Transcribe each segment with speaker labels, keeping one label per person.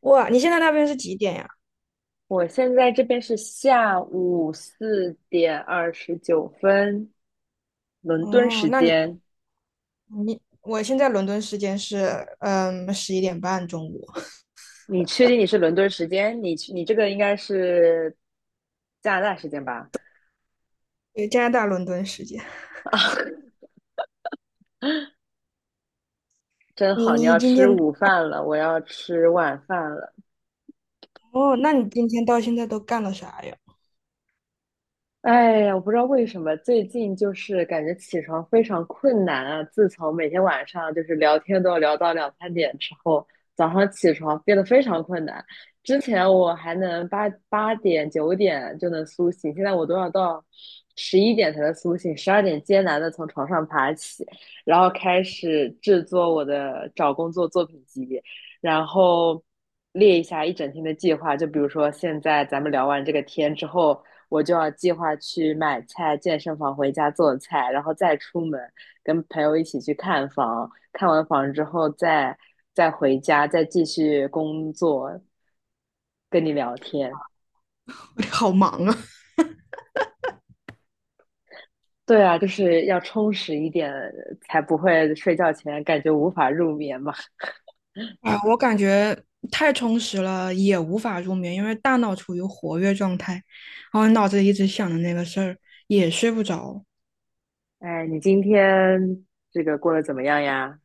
Speaker 1: 哇，你现在那边是几点呀？
Speaker 2: 我现在这边是下午4点29分，伦敦
Speaker 1: 哦，
Speaker 2: 时
Speaker 1: 那你
Speaker 2: 间。
Speaker 1: 你我现在伦敦时间是11:30中午，
Speaker 2: 你确定你是伦敦时间？你这个应该是加拿大时间吧？
Speaker 1: 对，加拿大伦敦时间。
Speaker 2: 啊，真
Speaker 1: 你
Speaker 2: 好，你
Speaker 1: 你
Speaker 2: 要
Speaker 1: 今
Speaker 2: 吃
Speaker 1: 天
Speaker 2: 午饭了，我要吃晚饭了。
Speaker 1: 哦，那你今天到现在都干了啥呀？
Speaker 2: 哎呀，我不知道为什么最近就是感觉起床非常困难啊。自从每天晚上就是聊天都要聊到两三点之后，早上起床变得非常困难。之前我还能八点九点就能苏醒，现在我都要到11点才能苏醒，12点艰难的从床上爬起，然后开始制作我的找工作作品集，然后列一下一整天的计划。就比如说现在咱们聊完这个天之后。我就要计划去买菜、健身房回家做菜，然后再出门跟朋友一起去看房，看完房之后再回家，再继续工作，跟你聊天。
Speaker 1: 好忙啊！
Speaker 2: 对啊，就是要充实一点，才不会睡觉前感觉无法入眠嘛。
Speaker 1: 啊，我感觉太充实了，也无法入眠，因为大脑处于活跃状态，然后脑子里一直想着那个事儿，也睡不着。
Speaker 2: 哎，你今天这个过得怎么样呀？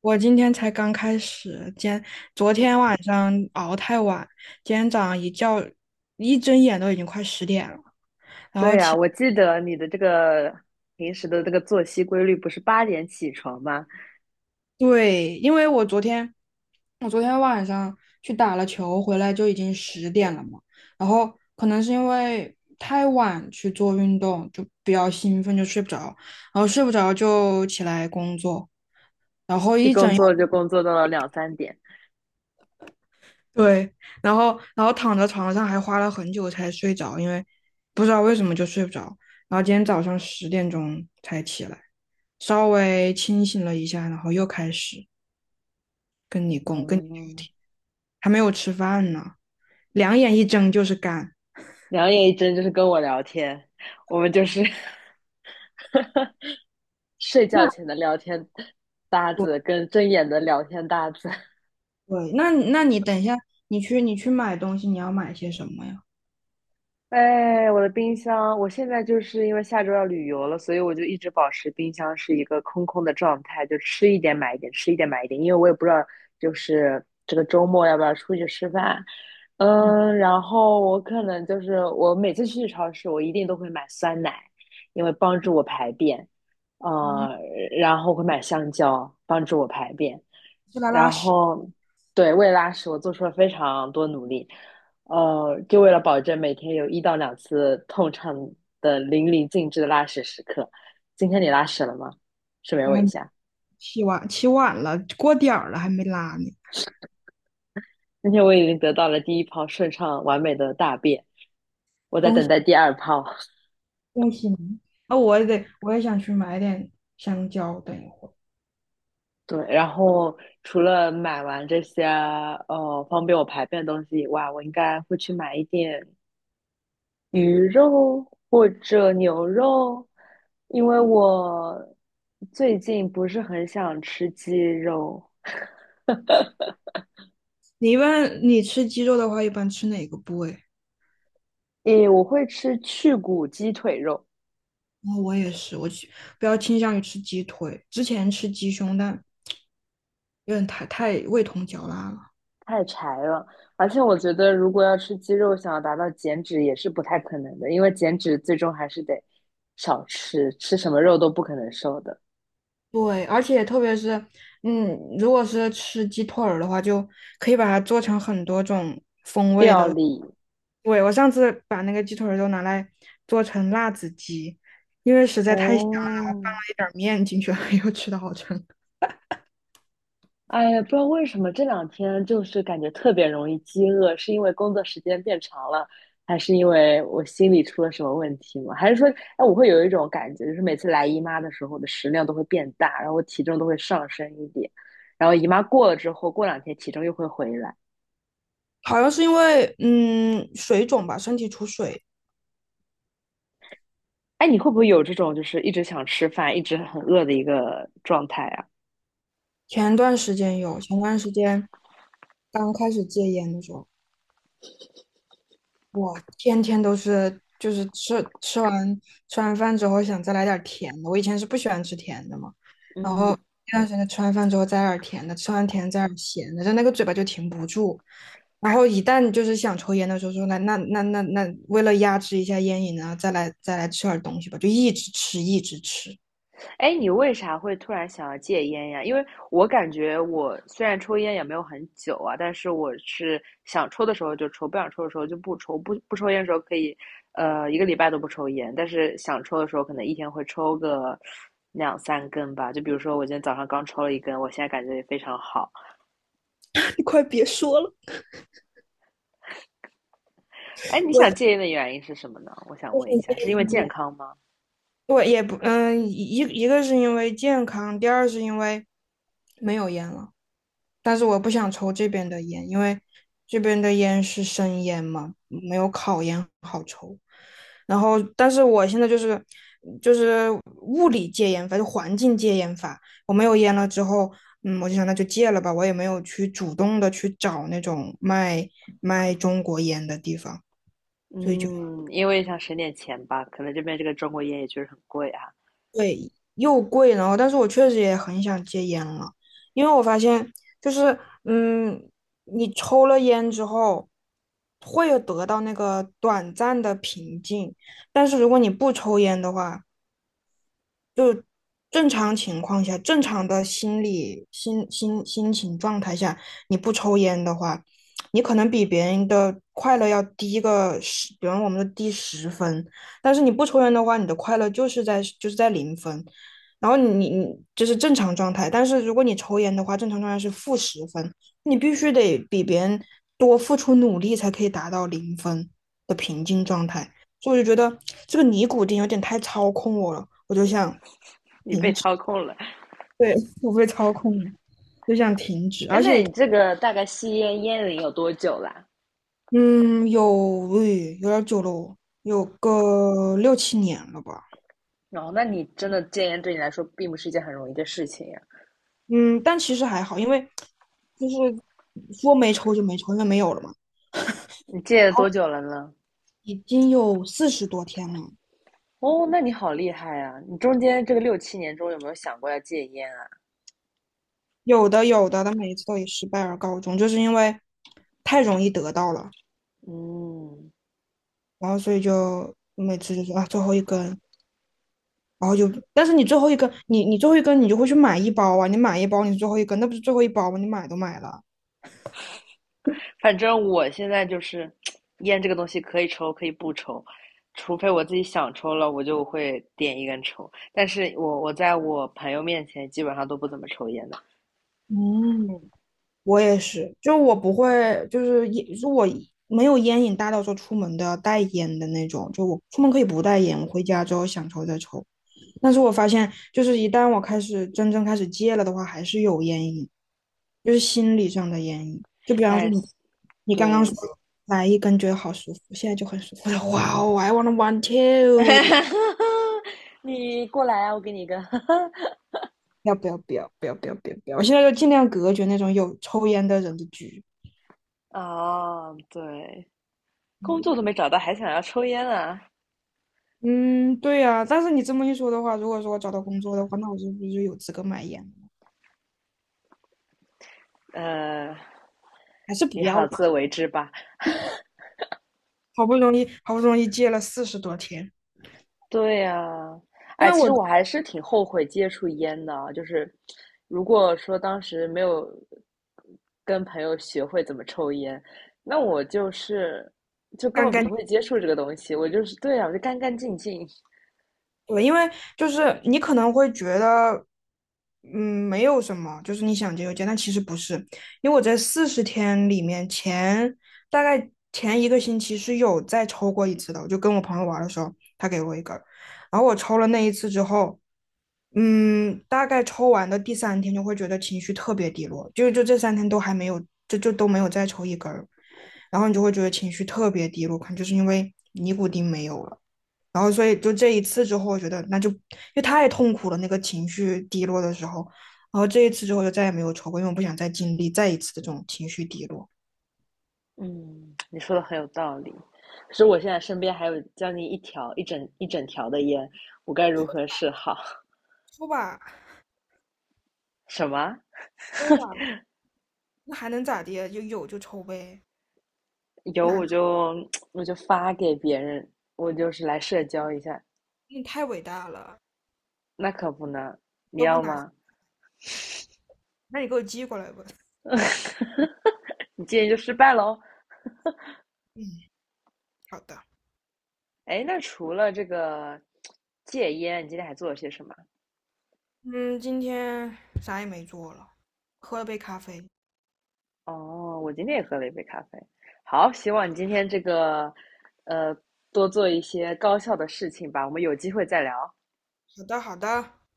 Speaker 1: 我今天才刚开始，昨天晚上熬太晚，今天早上一睁眼都已经快10点了。
Speaker 2: 对呀，我记得你的这个平时的这个作息规律不是八点起床吗？
Speaker 1: 对，因为我昨天晚上去打了球，回来就已经10点了嘛。然后可能是因为太晚去做运动，就比较兴奋，就睡不着。然后睡不着就起来工作，
Speaker 2: 一工作就工作到了两三点。
Speaker 1: 对。然后躺在床上还花了很久才睡着，因为不知道为什么就睡不着。然后今天早上10点钟才起来，稍微清醒了一下，然后又开始，
Speaker 2: 嗯，
Speaker 1: 还没有吃饭呢，两眼一睁就是干。
Speaker 2: 两眼一睁就是跟我聊天，我们就是 睡觉前的聊天搭
Speaker 1: 我。
Speaker 2: 子跟睁眼的聊天搭子。
Speaker 1: 对，那你等一下，你去买东西，你要买些什么呀？
Speaker 2: 哎，我的冰箱，我现在就是因为下周要旅游了，所以我就一直保持冰箱是一个空空的状态，就吃一点买一点，吃一点买一点，因为我也不知道就是这个周末要不要出去吃饭。嗯，然后我可能就是我每次去超市，我一定都会买酸奶，因为帮助我排便。
Speaker 1: 嗯，
Speaker 2: 呃，然后会买香蕉帮助我排便，
Speaker 1: 去来拉
Speaker 2: 然
Speaker 1: 屎，
Speaker 2: 后对为拉屎我做出了非常多努力。就为了保证每天有1到2次痛畅的淋漓尽致的拉屎时刻。今天你拉屎了吗？顺便
Speaker 1: 我
Speaker 2: 问一
Speaker 1: 还
Speaker 2: 下，
Speaker 1: 起晚了，过点儿了还没拉呢。
Speaker 2: 今天我已经得到了第一泡顺畅完美的大便，我在等待第二泡。
Speaker 1: 恭喜你！啊、我也想去买点香蕉，等一会儿。
Speaker 2: 对，然后除了买完这些方便我排便的东西以外，我应该会去买一点鱼肉或者牛肉，因为我最近不是很想吃鸡肉。
Speaker 1: 你一般你吃鸡肉的话，一般吃哪个部位？
Speaker 2: 诶，我会吃去骨鸡腿肉，
Speaker 1: 哦，我也是，比较倾向于吃鸡腿，之前吃鸡胸，但有点太味同嚼蜡了。
Speaker 2: 太柴了。而且我觉得，如果要吃鸡肉，想要达到减脂也是不太可能的，因为减脂最终还是得少吃，吃什么肉都不可能瘦的。
Speaker 1: 对，而且特别是，如果是吃鸡腿儿的话，就可以把它做成很多种。
Speaker 2: 料理，
Speaker 1: 对，我上次把那个鸡腿儿都拿来做成辣子鸡，还
Speaker 2: 哦，
Speaker 1: 放了一点儿面进去，又吃的好撑。
Speaker 2: 哎呀，不知道为什么这两天就是感觉特别容易饥饿，是因为工作时间变长了，还是因为我心里出了什么问题吗？还是说，哎，我会有一种感觉，就是每次来姨妈的时候，我的食量都会变大，然后我体重都会上升一点，然后姨妈过了之后，过两天体重又会回来。
Speaker 1: 好像是因为水肿吧，身体出水。
Speaker 2: 哎，你会不会有这种就是一直想吃饭，一直很饿的一个状态啊？
Speaker 1: 前段时间有，前段时间刚开始戒烟的时候。我天天都是，就是吃完饭之后想再来点儿甜的。我以前是不喜欢吃甜的嘛，然后
Speaker 2: 嗯。
Speaker 1: 那段时间吃完饭之后再来点儿甜的，吃完甜再来点儿咸的，就那个嘴巴就停不住。然后一旦就是想抽烟的时候说，那那那那那，为了压制一下烟瘾呢，再来吃点儿东西吧，就一直吃一直吃。
Speaker 2: 哎，你为啥会突然想要戒烟呀？因为我感觉我虽然抽烟也没有很久啊，但是我是想抽的时候就抽，不想抽的时候就不抽。不抽烟的时候可以，一个礼拜都不抽烟，但是想抽的时候可能一天会抽个2、3根吧。就比如说我今天早上刚抽了一根，我现在感觉也非常好。
Speaker 1: 你快别说了，
Speaker 2: 哎，你想
Speaker 1: 我。
Speaker 2: 戒烟的原因是什么呢？我想问一下，是因为
Speaker 1: 天
Speaker 2: 健康吗？
Speaker 1: 我也不，一个是因为健康，第二是因为没有烟了。但是我不想抽这边的烟，因为这边的烟是生烟嘛，没有烤烟好抽。然后，但是我现在就是物理戒烟法，就环境戒烟法。我没有烟了之后，我就想那就戒了吧。我也没有去主动的去找那种卖中国烟的地方，所以就。
Speaker 2: 嗯，因为想省点钱吧，可能这边这个中国烟也确实很贵啊。
Speaker 1: 又贵，然后但是我确实也很想戒烟了，因为我发现就是，嗯，你抽了烟之后，会有得到那个短暂的平静，但是如果你不抽烟的话，正常情况下，正常的心理心心心情状态下，你不抽烟的话，你可能比别人的快乐要低个十，比方我们的低十分，但是你不抽烟的话，你的快乐就是在零分，然后你就是正常状态，但是如果你抽烟的话，正常状态是负10分，你必须得比别人多付出努力才可以达到零分的平静状态，所以我就觉得这个尼古丁有点太操控我了，我就想。
Speaker 2: 你被
Speaker 1: 停
Speaker 2: 操控了。
Speaker 1: 对，我被操控，就想停止，
Speaker 2: 哎，
Speaker 1: 而
Speaker 2: 那
Speaker 1: 且，
Speaker 2: 你这个大概吸烟烟龄有多久啦？
Speaker 1: 嗯，有，诶，有点儿久了哦有个6、7年了吧，
Speaker 2: 哦，那你真的戒烟对你来说并不是一件很容易的事情呀。
Speaker 1: 嗯，但其实还好，因为就是说没抽就没抽，因为没有了嘛，然
Speaker 2: 你戒了多
Speaker 1: 后
Speaker 2: 久了呢？
Speaker 1: 已经有四十多天了，
Speaker 2: 哦，那你好厉害啊！你中间这个6、7年中有没有想过要戒烟啊？
Speaker 1: 有的有的，但每一次都以失败而告终，就是因为太容易得到了，
Speaker 2: 嗯，
Speaker 1: 然后所以就每次就说啊最后一根，然后就，但是你最后一根，你最后一根你就会去买一包啊，你买一包你最后一根，那不是最后一包吗？你买都买了。
Speaker 2: 反正我现在就是 烟这个东西可以抽可以不抽，除非我自己想抽了，我就会点一根抽。但是我在我朋友面前基本上都不怎么抽烟的。
Speaker 1: 嗯，我也是，就我不会，就是也如果没有烟瘾大到说出门都要带烟的那种，就我出门可以不带烟，我回家之后想抽再抽。但是我发现，就是一旦我开始真正开始戒了的话，还是有烟瘾，就是心理上的烟瘾。就比方说
Speaker 2: 哎，
Speaker 1: 你刚刚说
Speaker 2: 对，
Speaker 1: 来一根觉得好舒服，现在就很舒服了，哇哦，I w a n t a one too，
Speaker 2: 哈哈，你过来啊，我给你一个。
Speaker 1: 要不要不要不要不要不要不要！我现在就尽量隔绝那种有抽烟的人的局。
Speaker 2: 哦，对，工
Speaker 1: 嗯
Speaker 2: 作都没找到，还想要抽烟啊？
Speaker 1: 嗯，对呀，但是你这么一说的话，如果说我找到工作的话，那我是不是就有资格买烟了？
Speaker 2: 呃，
Speaker 1: 还是
Speaker 2: 你
Speaker 1: 不要
Speaker 2: 好
Speaker 1: 了吧？
Speaker 2: 自为之吧。
Speaker 1: 好不容易，好不容易戒了四十多天，
Speaker 2: 对呀。
Speaker 1: 因
Speaker 2: 哎，
Speaker 1: 为
Speaker 2: 其实
Speaker 1: 我
Speaker 2: 我还是挺后悔接触烟的啊，就是如果说当时没有跟朋友学会怎么抽烟，那我就是就根
Speaker 1: 刚
Speaker 2: 本
Speaker 1: 刚
Speaker 2: 不会接触这个东西，我就是，对啊，我就干干净净。
Speaker 1: 对，因为就是你可能会觉得，没有什么，就是你想结就结，但其实不是，因为我在40天里面大概前一个星期是有再抽过一次的，我就跟我朋友玩的时候，他给我一根儿，然后我抽了那一次之后，大概抽完的第三天就会觉得情绪特别低落，就这三天都还没有，就都没有再抽一根儿，然后你就会觉得情绪特别低落，可能就是因为尼古丁没有了。然后所以就这一次之后，我觉得那就因为太痛苦了，那个情绪低落的时候，然后这一次之后就再也没有抽过，因为我不想再经历再一次的这种情绪低落。
Speaker 2: 嗯，你说的很有道理。可是我现在身边还有将近一条、一整一整条的烟，我该如何是好？
Speaker 1: 抽吧，
Speaker 2: 什么？
Speaker 1: 抽吧，那还能咋的？就有就抽呗，
Speaker 2: 有
Speaker 1: 拿
Speaker 2: 我就 我就发给别人，我就是来社交一下。
Speaker 1: 你太伟大了，
Speaker 2: 那可不呢，你
Speaker 1: 都不
Speaker 2: 要
Speaker 1: 拿，
Speaker 2: 吗？
Speaker 1: 那你给我寄过来吧。
Speaker 2: 你戒烟就失败喽。
Speaker 1: 嗯，好的。
Speaker 2: 哎，那除了这个戒烟，你今天还做了些什么？
Speaker 1: 嗯，今天啥也没做了，喝了杯咖啡。
Speaker 2: 哦，我今天也喝了一杯咖啡。好，希望你今天这个呃多做一些高效的事情吧。我们有机会再聊。
Speaker 1: 好的，好的。